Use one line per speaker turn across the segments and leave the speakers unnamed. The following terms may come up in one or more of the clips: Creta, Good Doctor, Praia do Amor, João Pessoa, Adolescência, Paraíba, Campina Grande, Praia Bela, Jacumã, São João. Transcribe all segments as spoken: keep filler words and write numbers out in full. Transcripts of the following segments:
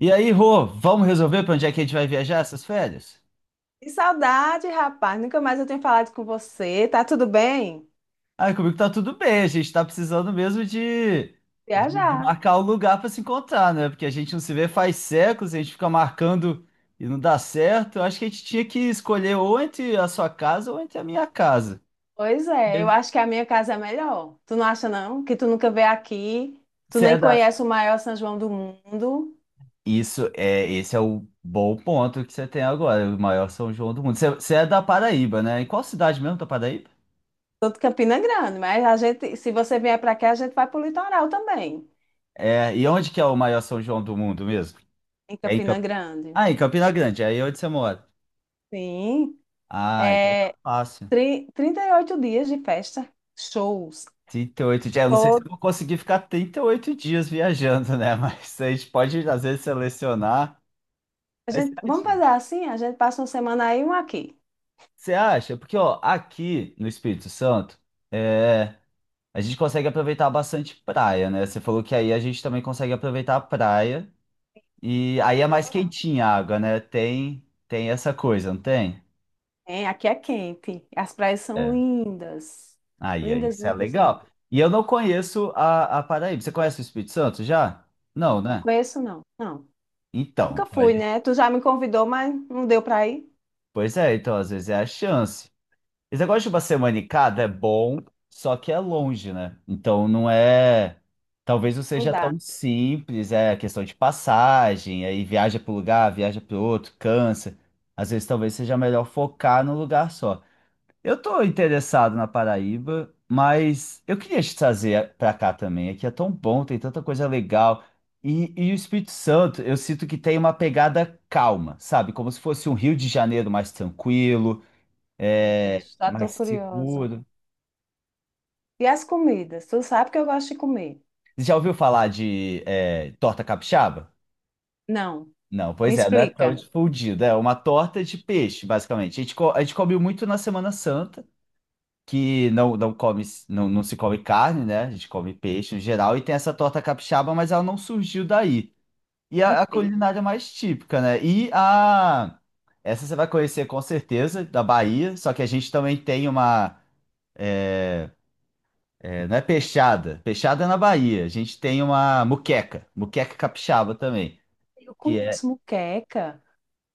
E aí, Rô, vamos resolver para onde é que a gente vai viajar essas férias?
Que saudade, rapaz. Nunca mais eu tenho falado com você. Tá tudo bem?
Ah, comigo tá tudo bem, a gente tá precisando mesmo de, de, de
Viajar.
marcar um lugar para se encontrar, né? Porque a gente não se vê faz séculos, a gente fica marcando e não dá certo. Eu acho que a gente tinha que escolher ou entre a sua casa ou entre a minha casa.
Pois é, eu acho que a minha casa é melhor. Tu não acha, não? Que tu nunca veio aqui, tu
Você
nem
é da...
conhece o maior São João do mundo.
Isso é, esse é o bom ponto que você tem agora, o maior São João do mundo. Você, você é da Paraíba, né? Em qual cidade mesmo da Paraíba?
Tô de Campina Grande, mas a gente, se você vier para cá, a gente vai pro litoral também,
É, e onde que é o maior São João do mundo mesmo?
em
É em
Campina
Camp...
Grande.
Ah, em Campina Grande, aí é onde você mora.
Sim,
Ah, então tá
é
fácil.
tri- trinta e oito dias de festa, shows.
Trinta e oito dias. Eu não sei se eu
Todo.
vou conseguir ficar trinta e oito dias viajando, né? Mas a gente pode, às vezes, selecionar.
A
Mas você
gente, vamos fazer
acha?
assim? A gente passa uma semana aí e uma aqui.
Você acha? Porque, ó, aqui no Espírito Santo, é, a gente consegue aproveitar bastante praia, né? Você falou que aí a gente também consegue aproveitar a praia. E aí é mais quentinha a água, né? Tem, tem essa coisa, não tem?
É, aqui é quente. As praias são
É.
lindas.
Aí, aí,
Lindas,
isso é
lindas,
legal.
lindas.
E eu não conheço a, a Paraíba. Você conhece o Espírito Santo já? Não,
Não,
né?
conheço não. Não.
Então,
Nunca
então a
fui,
gente-
né? Tu já me convidou, mas não deu pra ir?
Pois é, então às vezes é a chance. Esse negócio de uma semana em cada é bom, só que é longe, né? Então não é. Talvez não
Não
seja
dá.
tão simples, é questão de passagem, aí viaja para um lugar, viaja para outro, cansa. Às vezes talvez seja melhor focar num lugar só. Eu tô interessado na Paraíba, mas eu queria te trazer para cá também. Aqui é tão bom, tem tanta coisa legal. E, e o Espírito Santo, eu sinto que tem uma pegada calma, sabe? Como se fosse um Rio de Janeiro mais tranquilo,
Ai, Meu
é,
Deus, já tô
mais
curiosa.
seguro.
E as comidas? Tu sabe que eu gosto de comer?
Você já ouviu falar de é, torta capixaba?
Não.
Não,
Me
pois é, não é tão
explica.
difundido. É uma torta de peixe, basicamente. A gente, co- a gente comeu muito na Semana Santa. Que não, não come, não, não se come carne, né? A gente come peixe em geral, e tem essa torta capixaba, mas ela não surgiu daí. E
De
a, a
peixe?
culinária mais típica, né? E a. Essa você vai conhecer com certeza, da Bahia, só que a gente também tem uma. é, É, não é peixada, peixada é na Bahia. A gente tem uma muqueca, muqueca capixaba também,
Eu
que é.
conheço muqueca,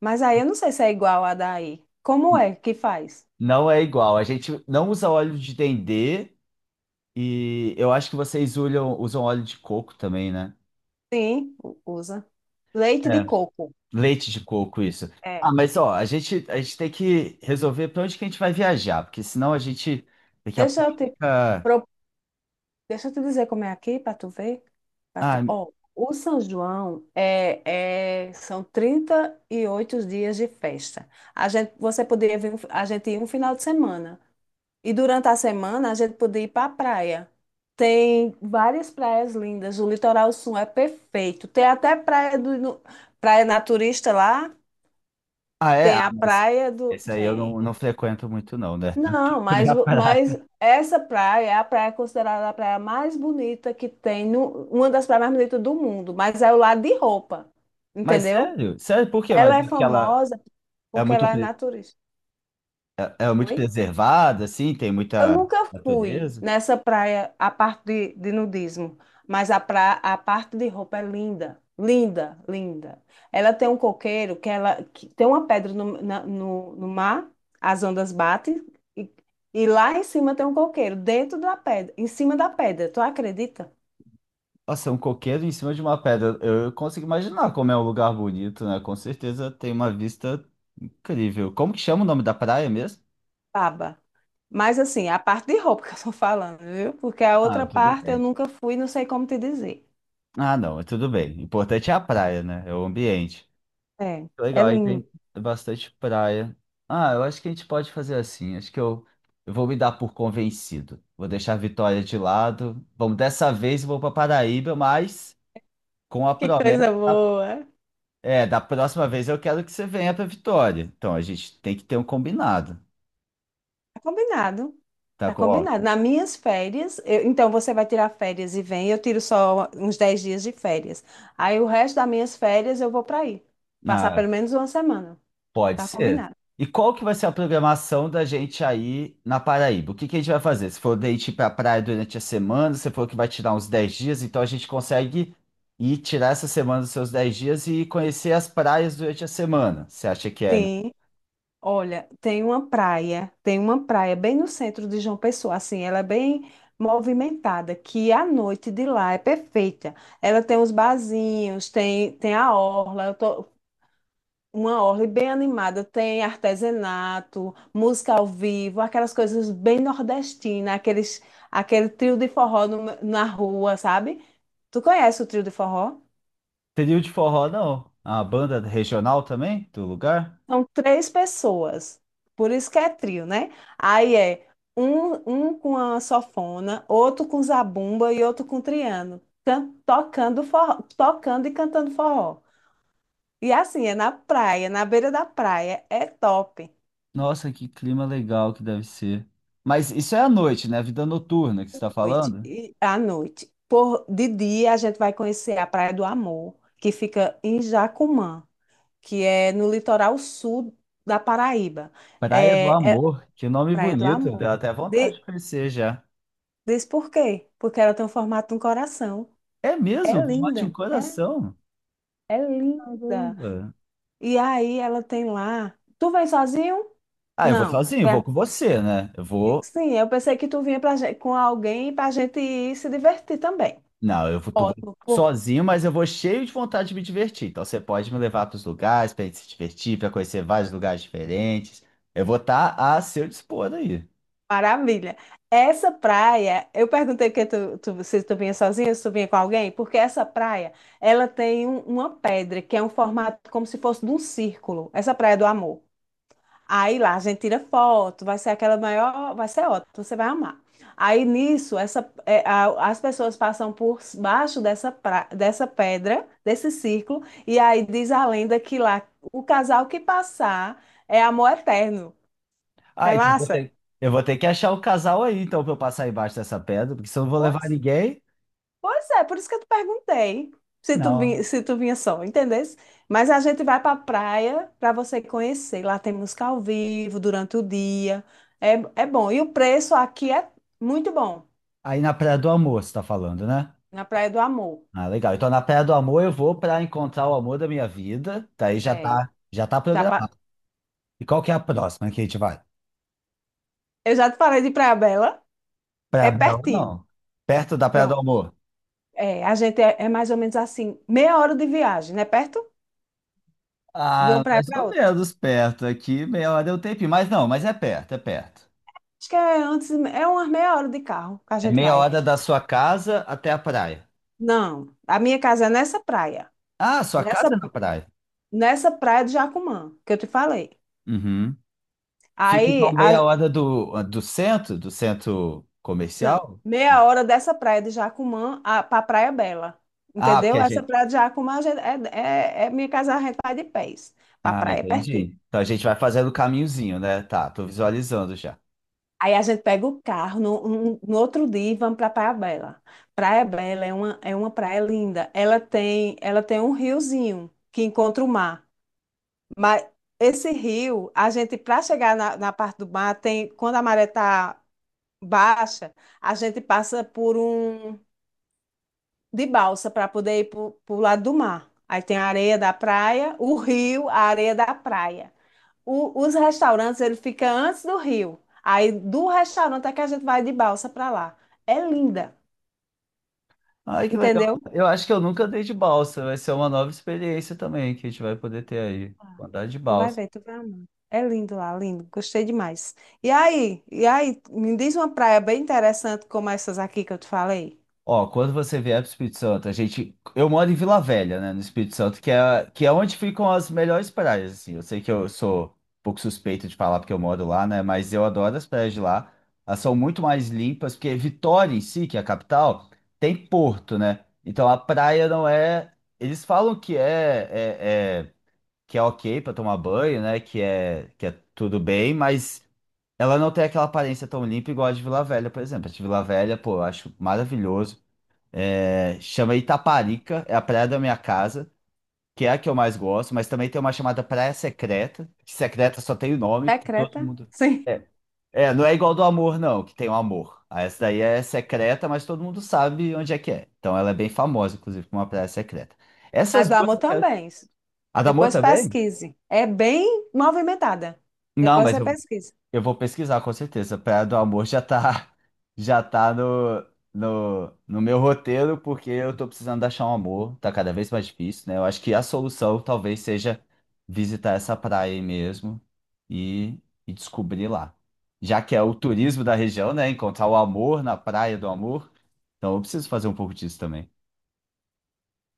mas aí eu não sei se é igual a daí. Como é que faz?
Não é igual. A gente não usa óleo de dendê e eu acho que vocês olham- usam óleo de coco também, né?
Sim, u- usa. Leite de
É.
coco.
Leite de coco, isso.
É.
Ah, mas ó, a gente, a gente tem que resolver para onde que a gente vai viajar, porque senão a gente daqui a
Deixa
pouco
eu te
fica.
Deixa eu te dizer como é aqui, para tu ver. Pra tu...
Ah,
Ó, o São João é, é, são trinta e oito dias de festa. A gente, você poderia vir, um fi- a gente ia um final de semana. E durante a semana a gente podia ir para a praia. Tem várias praias lindas. O litoral sul é perfeito. Tem até praia do, no- praia naturista lá.
ah é?
Tem
Ah,
a
mas
praia do.
esse aí eu
Tem.
não, não frequento muito, não, né?
Não,
Também
mas,
a
vo- mas
praia.
essa praia é a praia considerada a praia mais bonita que tem, no- uma das praias mais bonitas do mundo, mas é o lado de roupa,
Mas
entendeu?
sério? Sério, por quê? Mas
Ela
é
é
porque ela
famosa
é
porque
muito,
ela é
pre-
naturista.
é, é muito
Oi?
preservada, assim, tem
Eu
muita
nunca fui
natureza.
nessa praia, a parte de, de nudismo, mas a, pra, a parte de roupa é linda, linda, linda. Ela tem um coqueiro que ela que tem uma pedra no, na- no, no mar, as ondas batem, e, e lá em cima tem um coqueiro, dentro da pedra, em cima da pedra, tu acredita?
Nossa, um coqueiro em cima de uma pedra. Eu consigo imaginar como é um lugar bonito, né? Com certeza tem uma vista incrível. Como que chama o nome da praia mesmo?
Baba. Mas assim, a parte de roupa que eu tô falando, viu? Porque a
Ah,
outra
tudo
parte eu
bem.
nunca fui, não sei como te dizer.
Ah, não, é tudo bem. O importante é a praia, né? É o ambiente.
É, é
Legal, aí
lindo.
tem bastante praia. Ah, eu acho que a gente pode fazer assim. Acho que eu, eu vou me dar por convencido. Vou deixar a Vitória de lado. Vamos dessa vez, eu vou para Paraíba, mas com a
Que
promessa,
coisa boa.
é, da próxima vez eu quero que você venha para Vitória. Então a gente tem que ter um combinado,
Tá combinado.
tá?
Tá combinado. Nas minhas férias, eu- então você vai tirar férias e vem, eu tiro só uns dez dias de férias. Aí o resto das minhas férias eu vou para aí. Passar
Ó,
pelo menos uma semana.
pode
Tá
ser.
combinado.
E qual que vai ser a programação da gente aí na Paraíba? O que que a gente vai fazer? Se for date ir para praia durante a semana, você falou que vai tirar uns dez dias, então a gente consegue ir tirar essa semana dos seus dez dias e conhecer as praias durante a semana. Você acha que é
Sim. Olha, tem uma praia, tem uma praia bem no centro de João Pessoa, assim, ela é bem movimentada, que a noite de lá é perfeita. Ela tem uns barzinhos, tem, tem a orla. Uma orla bem animada, tem artesanato, música ao vivo, aquelas coisas bem nordestinas, aqueles, aquele trio de forró no- na rua, sabe? Tu conhece o trio de forró?
trio de forró, não? A banda regional também do lugar?
São três pessoas, por isso que é trio, né? Aí é um, um com a sanfona, outro com zabumba e outro com triângulo, tocando forró, tocando e cantando forró. E assim, é na praia, na beira da praia, é top.
Nossa, que clima legal que deve ser. Mas isso é à noite, né? Vida noturna que você está
Noite,
falando?
e- à noite. Por, de dia, a gente vai conhecer a Praia do Amor, que fica em Jacumã, que é no litoral sul da Paraíba.
Praia do
É, é
Amor, que nome
Praia do
bonito,
Amor.
deu até vontade
De,
de conhecer já.
Diz por quê? Porque ela tem o formato de um coração.
É mesmo?
É
Vou de um
linda, é,
coração?
é linda.
Caramba.
E aí ela tem lá. Tu vem sozinho?
Ah, eu vou
Não.
sozinho,
Vem-
vou com você, né? Eu vou.
Sim, eu pensei que tu vinha pra gente, com alguém para a gente ir se divertir também.
Não, eu vou, tu-
Ótimo.
sozinho, mas eu vou cheio de vontade de me divertir. Então você pode me levar para os lugares para gente se divertir, para conhecer vários lugares diferentes. Eu vou estar a seu dispor aí.
Maravilha. Essa praia, eu perguntei que tu, tu- se tu vinha sozinha, se tu vinha com alguém, porque essa praia, ela tem um- uma pedra que é um formato como se fosse de um círculo. Essa praia do amor. Aí lá a gente tira foto, vai ser aquela maior, vai ser ótimo, você vai amar. Aí nisso, essa, é, a- as pessoas passam por baixo dessa, pra- dessa pedra, desse círculo, e aí diz a lenda que lá o casal que passar é amor eterno. Não
Ah,
é
então eu vou
massa?
ter, eu vou ter que achar o casal aí, então, para eu passar embaixo dessa pedra, porque se eu não vou levar
Pois
ninguém,
Pois é, por isso que eu te perguntei se tu,
não.
vi- se tu vinha só, entendesse? Mas a gente vai para a praia para você conhecer. Lá tem música ao vivo durante o dia. É, é bom. E o preço aqui é muito bom,
Aí na Praia do Amor, você tá falando, né?
na Praia do Amor.
Ah, legal. Então na Praia do Amor eu vou para encontrar o amor da minha vida. Daí já
É.
tá, já tá
Já pa-
programado. E qual que é a próxima que a gente vai?
Eu já te falei de Praia Bela,
Praia
é
Bela,
pertinho.
não. Perto da Praia do
Pronto.
Amor.
É, a gente é, é mais ou menos assim, meia hora de viagem, né? Perto? De uma
Ah,
praia
mais
para
ou
outra.
menos perto. Aqui meia hora é o tempinho. Mas não, mas é perto, é perto.
Acho que é antes, é umas meia hora de carro que a
É
gente
meia
vai.
hora da sua casa até a praia.
Não, a minha casa é nessa praia.
Ah, sua
Nessa
casa é na praia.
Nessa praia de Jacumã, que eu te falei.
Uhum. Fica então
Aí,
meia
a-
hora do, do centro, do centro
não,
comercial.
meia hora dessa praia de Jacumã a, pra Praia Bela,
Ah, porque
entendeu?
a
Essa
gente.
praia de Jacumã a gente- é, é, é minha casa, a gente vai de pés, pra
Ah,
praia é pertinho.
entendi. Então a gente vai fazendo o caminhozinho, né? Tá, tô visualizando já.
Aí a gente pega o carro no, no- no outro dia e vamos pra Praia Bela. Praia Bela é uma, é uma praia linda. Ela tem, ela tem um riozinho que encontra o mar. Mas esse rio, a gente, para chegar na, na parte do mar, tem, quando a maré está baixa, a gente passa por um de balsa para poder ir para o lado do mar. Aí tem a areia da praia, o rio, a areia da praia. O- os restaurantes, ele fica antes do rio. Aí do restaurante é que a gente vai de balsa para lá. É linda,
Ai, que legal.
entendeu?
Eu acho que eu nunca andei de balsa. Vai ser uma nova experiência também que a gente vai poder ter aí. Andar de
Tu vai
balsa.
ver, tu vai amar. É lindo lá, lindo. Gostei demais. E aí, e aí, me diz uma praia bem interessante como essas aqui que eu te falei.
Ó, quando você vier para o Espírito Santo, a gente. Eu moro em Vila Velha, né, no Espírito Santo, que é, que é onde ficam as melhores praias, assim. Eu sei que eu sou um pouco suspeito de falar porque eu moro lá, né, mas eu adoro as praias de lá. Elas são muito mais limpas, porque Vitória em si, que é a capital, tem porto, né? Então a praia não é. Eles falam que é, é é que é ok pra tomar banho, né? Que é, que é tudo bem, mas ela não tem aquela aparência tão limpa igual a de Vila Velha, por exemplo. A de Vila Velha, pô, eu acho maravilhoso. É, chama Itaparica, é a praia da minha casa, que é a que eu mais gosto, mas também tem uma chamada Praia Secreta, que secreta só tem o nome,
É
porque todo
Creta?
mundo.
Sim.
É, é, não é igual do amor, não, que tem o amor. Ah, essa daí é secreta, mas todo mundo sabe onde é que é. Então ela é bem famosa, inclusive, como uma praia secreta.
A
Essas
do
duas.
amor
Eu quero-
também.
A da amor
Depois
também?
pesquise. É bem movimentada.
Não,
Depois
mas
você
eu
pesquisa.
Eu vou pesquisar com certeza. Praia do Amor já tá, já tá no, no, no meu roteiro, porque eu tô precisando achar um amor. Tá cada vez mais difícil, né? Eu acho que a solução talvez seja visitar essa praia aí mesmo e, e descobrir lá. Já que é o turismo da região, né? Encontrar o amor na Praia do Amor. Então eu preciso fazer um pouco disso também.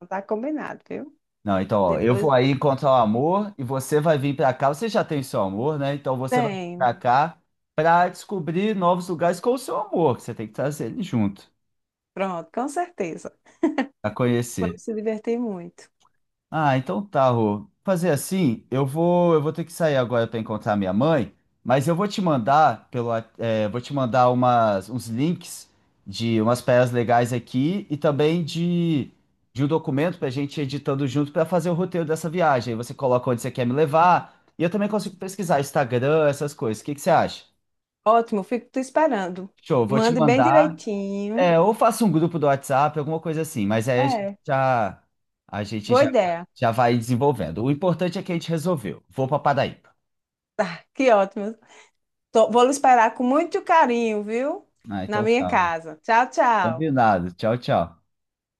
Não. Tá combinado, viu?
Não, então, ó, eu
Depois
vou aí encontrar o amor e você vai vir pra cá. Você já tem seu amor, né? Então você vai vir
tem.
pra cá pra descobrir novos lugares com o seu amor, que você tem que trazer ele junto,
Pronto, com certeza.
pra conhecer.
Vamos se divertir muito.
Ah, então tá, Rô. Fazer assim, eu vou, eu vou ter que sair agora para encontrar minha mãe, mas eu vou te mandar pelo, wa- é, vou te mandar umas, uns links de umas peças legais aqui e também de, de um documento para a gente ir editando junto para fazer o roteiro dessa viagem. Aí você coloca onde você quer me levar e eu também consigo pesquisar Instagram, essas coisas. O que que você acha?
Ótimo, fico te esperando.
Show, vou te
Mande bem
mandar.
direitinho.
É, ou faço um grupo do WhatsApp, alguma coisa assim, mas aí a gente
É,
já, a gente
boa
já,
ideia.
já vai desenvolvendo. O importante é que a gente resolveu. Vou para Paraíba.
Que ótimo. Tô- vou lhe esperar com muito carinho, viu?
Ah,
Na
então
minha
tá.
casa. Tchau, tchau.
Combinado. Tchau, tchau.